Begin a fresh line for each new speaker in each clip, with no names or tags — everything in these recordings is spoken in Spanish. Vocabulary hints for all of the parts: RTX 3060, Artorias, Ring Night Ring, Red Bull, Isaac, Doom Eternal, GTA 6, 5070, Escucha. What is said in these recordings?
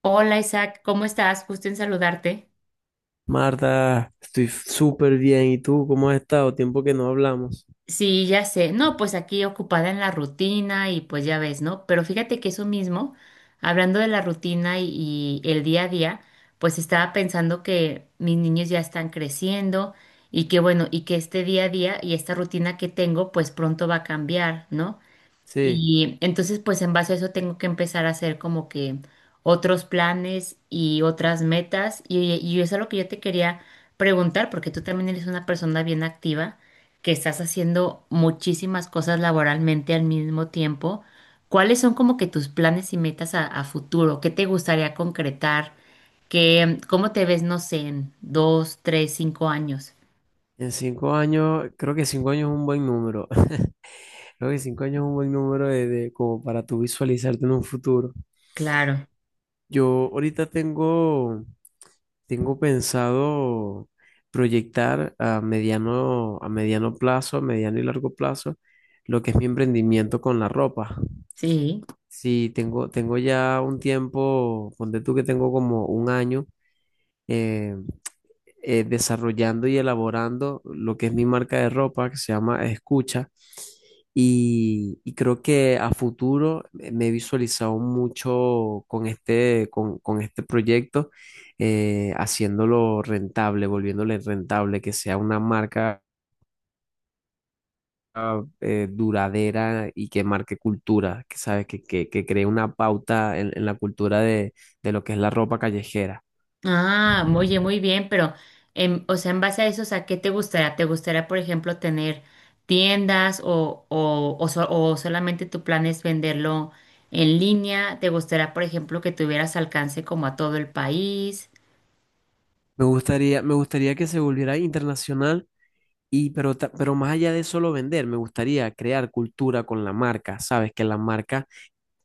Hola Isaac, ¿cómo estás? Gusto en saludarte.
Marta, estoy súper bien. ¿Y tú cómo has estado? Tiempo que no hablamos.
Sí, ya sé. No, pues aquí ocupada en la rutina y pues ya ves, ¿no? Pero fíjate que eso mismo, hablando de la rutina y el día a día, pues estaba pensando que mis niños ya están creciendo y que bueno, y que este día a día y esta rutina que tengo, pues pronto va a cambiar, ¿no?
Sí,
Y entonces, pues en base a eso tengo que empezar a hacer como que otros planes y otras metas. Y eso es lo que yo te quería preguntar, porque tú también eres una persona bien activa, que estás haciendo muchísimas cosas laboralmente al mismo tiempo. ¿Cuáles son como que tus planes y metas a futuro? ¿Qué te gustaría concretar? ¿Qué, cómo te ves, no sé, en dos, tres, cinco años?
en 5 años, creo que 5 años es un buen número. Creo que 5 años es un buen número como para tú visualizarte en un futuro.
Claro,
Yo ahorita tengo pensado proyectar a mediano plazo, a mediano y largo plazo, lo que es mi emprendimiento con la ropa.
sí.
Sí, tengo ya un tiempo, ponte tú que tengo como un año eh, desarrollando y elaborando lo que es mi marca de ropa que se llama Escucha. Y creo que a futuro me he visualizado mucho con este proyecto, haciéndolo rentable, volviéndole rentable, que sea una marca duradera y que marque cultura, que sabes, que cree una pauta en la cultura de lo que es la ropa callejera.
Ah, oye, muy bien, pero, en, o sea, en base a eso, o sea, ¿qué te gustaría? ¿Te gustaría, por ejemplo, tener tiendas o o solamente tu plan es venderlo en línea? ¿Te gustaría, por ejemplo, que tuvieras alcance como a todo el país?
Me gustaría que se volviera internacional. Y pero, pero más allá de solo vender, me gustaría crear cultura con la marca. Sabes que la marca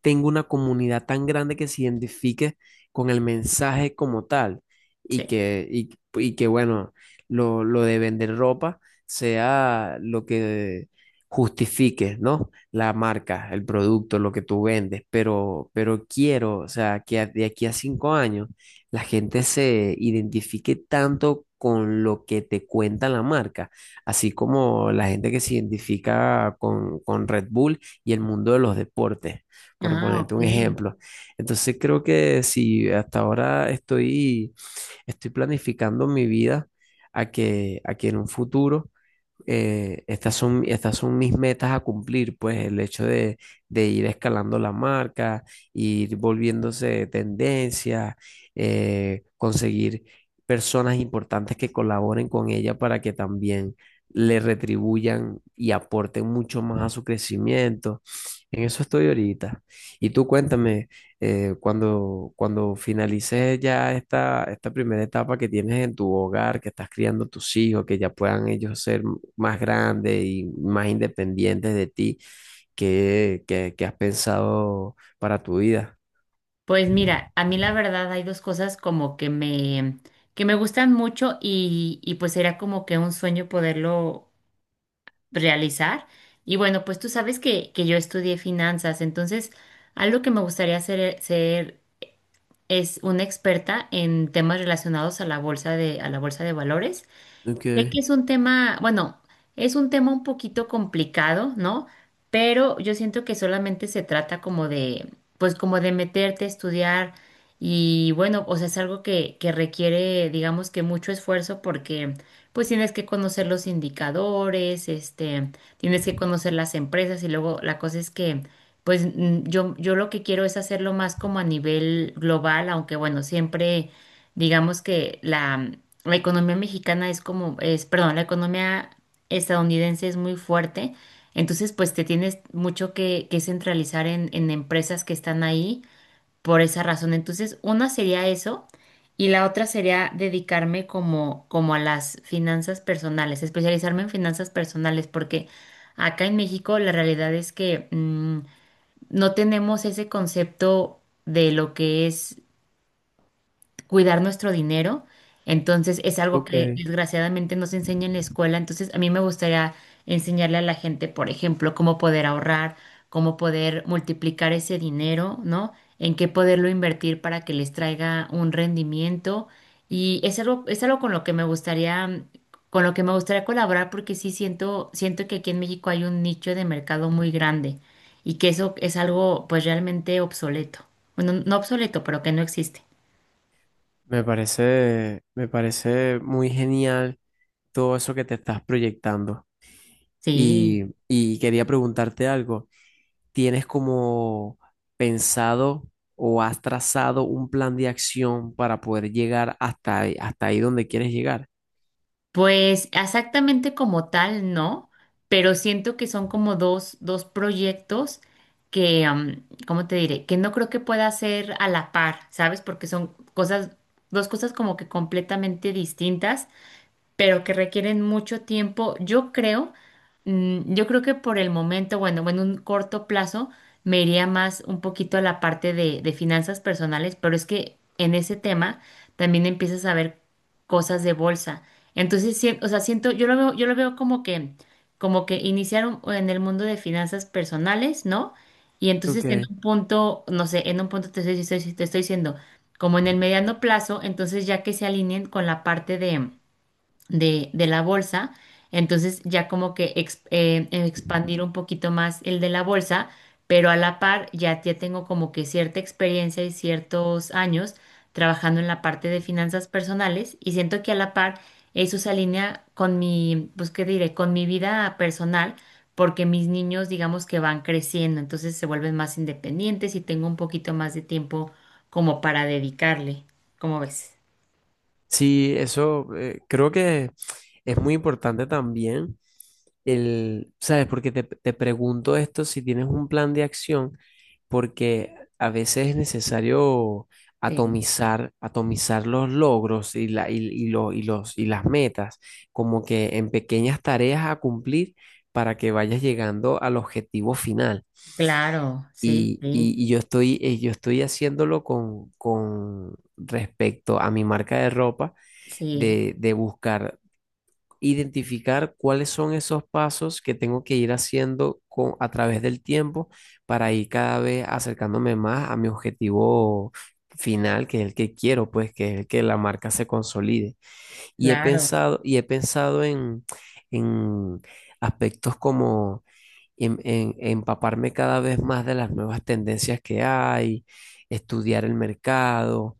tenga una comunidad tan grande que se identifique con el mensaje como tal y
Sí.
que, y, y que bueno, lo de vender ropa sea lo que justifique, ¿no? La marca, el producto, lo que tú vendes, pero quiero, o sea, que de aquí a 5 años la gente se identifique tanto con lo que te cuenta la marca, así como la gente que se identifica con Red Bull y el mundo de los deportes por
Ah,
ponerte
ok.
un ejemplo. Entonces creo que si hasta ahora estoy planificando mi vida a que en un futuro estas son mis metas a cumplir, pues el hecho de ir escalando la marca, ir volviéndose tendencia, conseguir personas importantes que colaboren con ella para que también le retribuyan y aporten mucho más a su crecimiento. En eso estoy ahorita. Y tú cuéntame, cuando finalices ya esta primera etapa que tienes en tu hogar, que estás criando tus hijos, que ya puedan ellos ser más grandes y más independientes de ti, que qué has pensado para tu vida?
Pues mira, a mí la verdad hay dos cosas como que que me gustan mucho y pues era como que un sueño poderlo realizar. Y bueno, pues tú sabes que yo estudié finanzas, entonces algo que me gustaría hacer, ser es una experta en temas relacionados a la bolsa de, a la bolsa de valores. Sé
Okay.
que es un tema, bueno, es un tema un poquito complicado, ¿no? Pero yo siento que solamente se trata como de, pues como de meterte a estudiar y bueno, o sea, es algo que requiere, digamos que mucho esfuerzo porque pues tienes que conocer los indicadores, este, tienes que conocer las empresas y luego la cosa es que, pues yo lo que quiero es hacerlo más como a nivel global, aunque bueno, siempre digamos que la economía mexicana es como, es, perdón, la economía estadounidense es muy fuerte, entonces pues te tienes mucho que centralizar en empresas que están ahí por esa razón. Entonces, una sería eso y la otra sería dedicarme como, como a las finanzas personales, especializarme en finanzas personales, porque acá en México la realidad es que no tenemos ese concepto de lo que es cuidar nuestro dinero. Entonces es algo que
Okay.
desgraciadamente no se enseña en la escuela. Entonces a mí me gustaría enseñarle a la gente, por ejemplo, cómo poder ahorrar, cómo poder multiplicar ese dinero, ¿no? En qué poderlo invertir para que les traiga un rendimiento. Y es algo con lo que me gustaría, con lo que me gustaría colaborar porque sí siento, siento que aquí en México hay un nicho de mercado muy grande y que eso es algo pues realmente obsoleto. Bueno, no obsoleto, pero que no existe.
Me parece muy genial todo eso que te estás proyectando.
Sí.
Y quería preguntarte algo. ¿Tienes como pensado o has trazado un plan de acción para poder llegar hasta ahí donde quieres llegar?
Pues exactamente como tal, no, pero siento que son como dos, dos proyectos que, ¿cómo te diré? Que no creo que pueda ser a la par, ¿sabes? Porque son cosas, dos cosas como que completamente distintas pero que requieren mucho tiempo. Yo creo, yo creo que por el momento, bueno, en un corto plazo, me iría más un poquito a la parte de finanzas personales, pero es que en ese tema también empiezas a ver cosas de bolsa. Entonces, sí, o sea, siento, yo lo veo como que iniciaron en el mundo de finanzas personales, ¿no? Y entonces en
Okay.
un punto, no sé, en un punto te estoy, te estoy diciendo, como en el mediano plazo, entonces ya que se alineen con la parte de la bolsa. Entonces ya como que expandir un poquito más el de la bolsa, pero a la par ya tengo como que cierta experiencia y ciertos años trabajando en la parte de finanzas personales y siento que a la par eso se alinea con mi, pues qué diré, con mi vida personal. Porque mis niños digamos que van creciendo, entonces se vuelven más independientes y tengo un poquito más de tiempo como para dedicarle, ¿cómo ves?
Sí, eso, creo que es muy importante también el, ¿sabes? Porque te pregunto esto si tienes un plan de acción, porque a veces es necesario
Sí.
atomizar los logros y, la, y lo- y los, y las metas, como que en pequeñas tareas a cumplir para que vayas llegando al objetivo final.
Claro, sí,
Y, y-
sí.
y yo estoy, eh, yo estoy haciéndolo con respecto a mi marca de ropa,
Sí,
de buscar identificar cuáles son esos pasos que tengo que ir haciendo a través del tiempo para ir cada vez acercándome más a mi objetivo final, que es el que quiero, pues, que es el que la marca se consolide. Y he
claro,
pensado, y he pensado en aspectos como empaparme cada vez más de las nuevas tendencias que hay, estudiar el mercado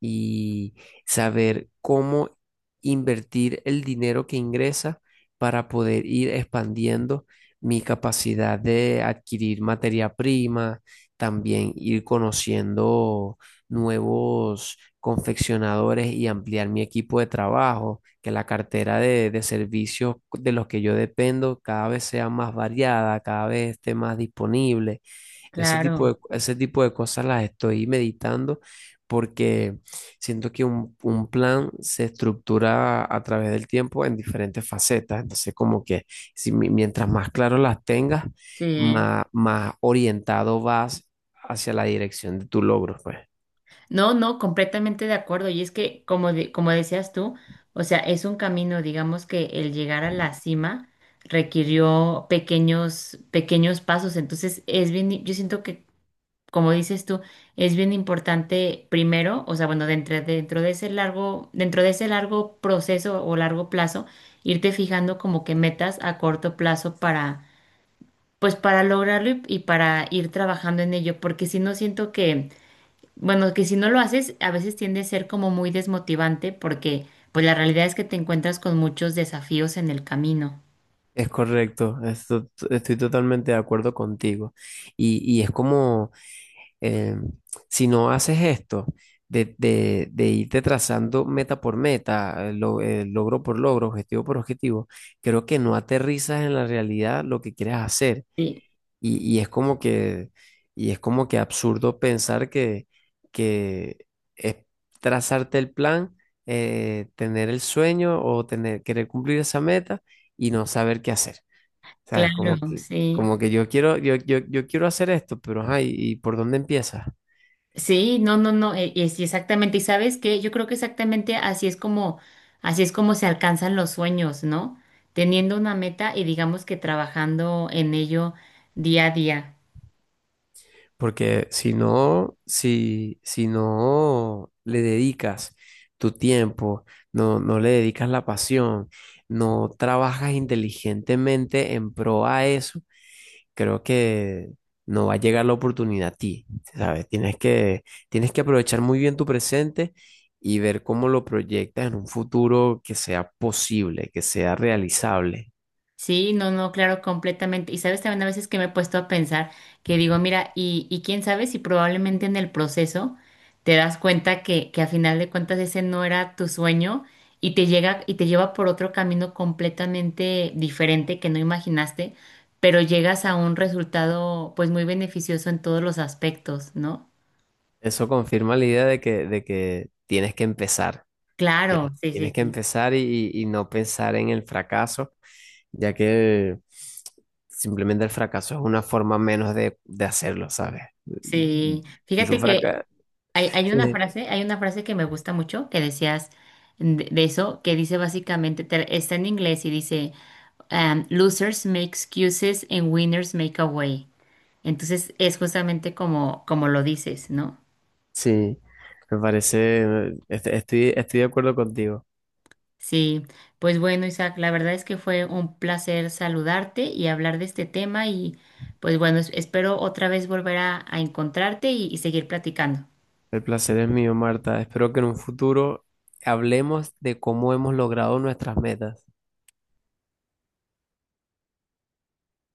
y saber cómo invertir el dinero que ingresa para poder ir expandiendo mi capacidad de adquirir materia prima, también ir conociendo nuevos confeccionadores y ampliar mi equipo de trabajo que la cartera de servicios de los que yo dependo cada vez sea más variada, cada vez esté más disponible. Ese tipo de,
claro,
ese tipo de cosas las estoy meditando porque siento que un plan se estructura a través del tiempo en diferentes facetas. Entonces, como que si, mientras más claro las tengas,
sí.
más orientado vas hacia la dirección de tu logro, pues.
No, no, completamente de acuerdo. Y es que, como, como decías tú, o sea, es un camino, digamos que el llegar a la cima requirió pequeños, pequeños pasos. Entonces, es bien, yo siento que, como dices tú, es bien importante primero, o sea, bueno, dentro de ese largo, dentro de ese largo proceso o largo plazo, irte fijando como que metas a corto plazo para pues para lograrlo y para ir trabajando en ello, porque si no siento que, bueno, que si no lo haces, a veces tiende a ser como muy desmotivante, porque pues la realidad es que te encuentras con muchos desafíos en el camino.
Es correcto, estoy totalmente de acuerdo contigo. Y es como, eh, si no haces esto, de irte trazando meta por meta, logro por logro, objetivo por objetivo, creo que no aterrizas en la realidad lo que quieres hacer.
Sí,
Y, y es como que, y es como que absurdo pensar que es trazarte el plan, tener el sueño o tener, querer cumplir esa meta y no saber qué hacer. ¿Sabes? Como
claro,
que,
sí.
como que yo quiero hacer esto, pero ajá, ¿y por dónde empiezas?
Sí, no, no, no, es exactamente. Y sabes que yo creo que exactamente así es como se alcanzan los sueños, ¿no? Teniendo una meta y digamos que trabajando en ello día a día.
Porque si no, si no le dedicas tu tiempo, no le dedicas la pasión, no trabajas inteligentemente en pro a eso, creo que no va a llegar la oportunidad a ti, ¿sabes? Tienes que, tienes, que aprovechar muy bien tu presente y ver cómo lo proyectas en un futuro que sea posible, que sea realizable.
Sí, no, no, claro, completamente. Y sabes también a veces que me he puesto a pensar que digo, mira, y quién sabe si probablemente en el proceso te das cuenta que a final de cuentas ese no era tu sueño y te llega y te lleva por otro camino completamente diferente que no imaginaste, pero llegas a un resultado pues muy beneficioso en todos los aspectos, ¿no?
Eso confirma la idea de que tienes que empezar,
Claro,
tienes,
sí, sí,
tienes que
sí.
empezar y no pensar en el fracaso, ya que simplemente el fracaso es una forma menos de hacerlo, ¿sabes?
Sí,
Si tú
fíjate que
fracasas.
hay, hay una frase que me gusta mucho que decías de eso, que dice básicamente, está en inglés y dice, losers make excuses and winners make a way. Entonces es justamente como, como lo dices, ¿no?
Sí, me parece, estoy de acuerdo contigo.
Sí, pues bueno, Isaac, la verdad es que fue un placer saludarte y hablar de este tema y pues bueno, espero otra vez volver a encontrarte y seguir platicando.
El placer es mío, Marta. Espero que en un futuro hablemos de cómo hemos logrado nuestras metas.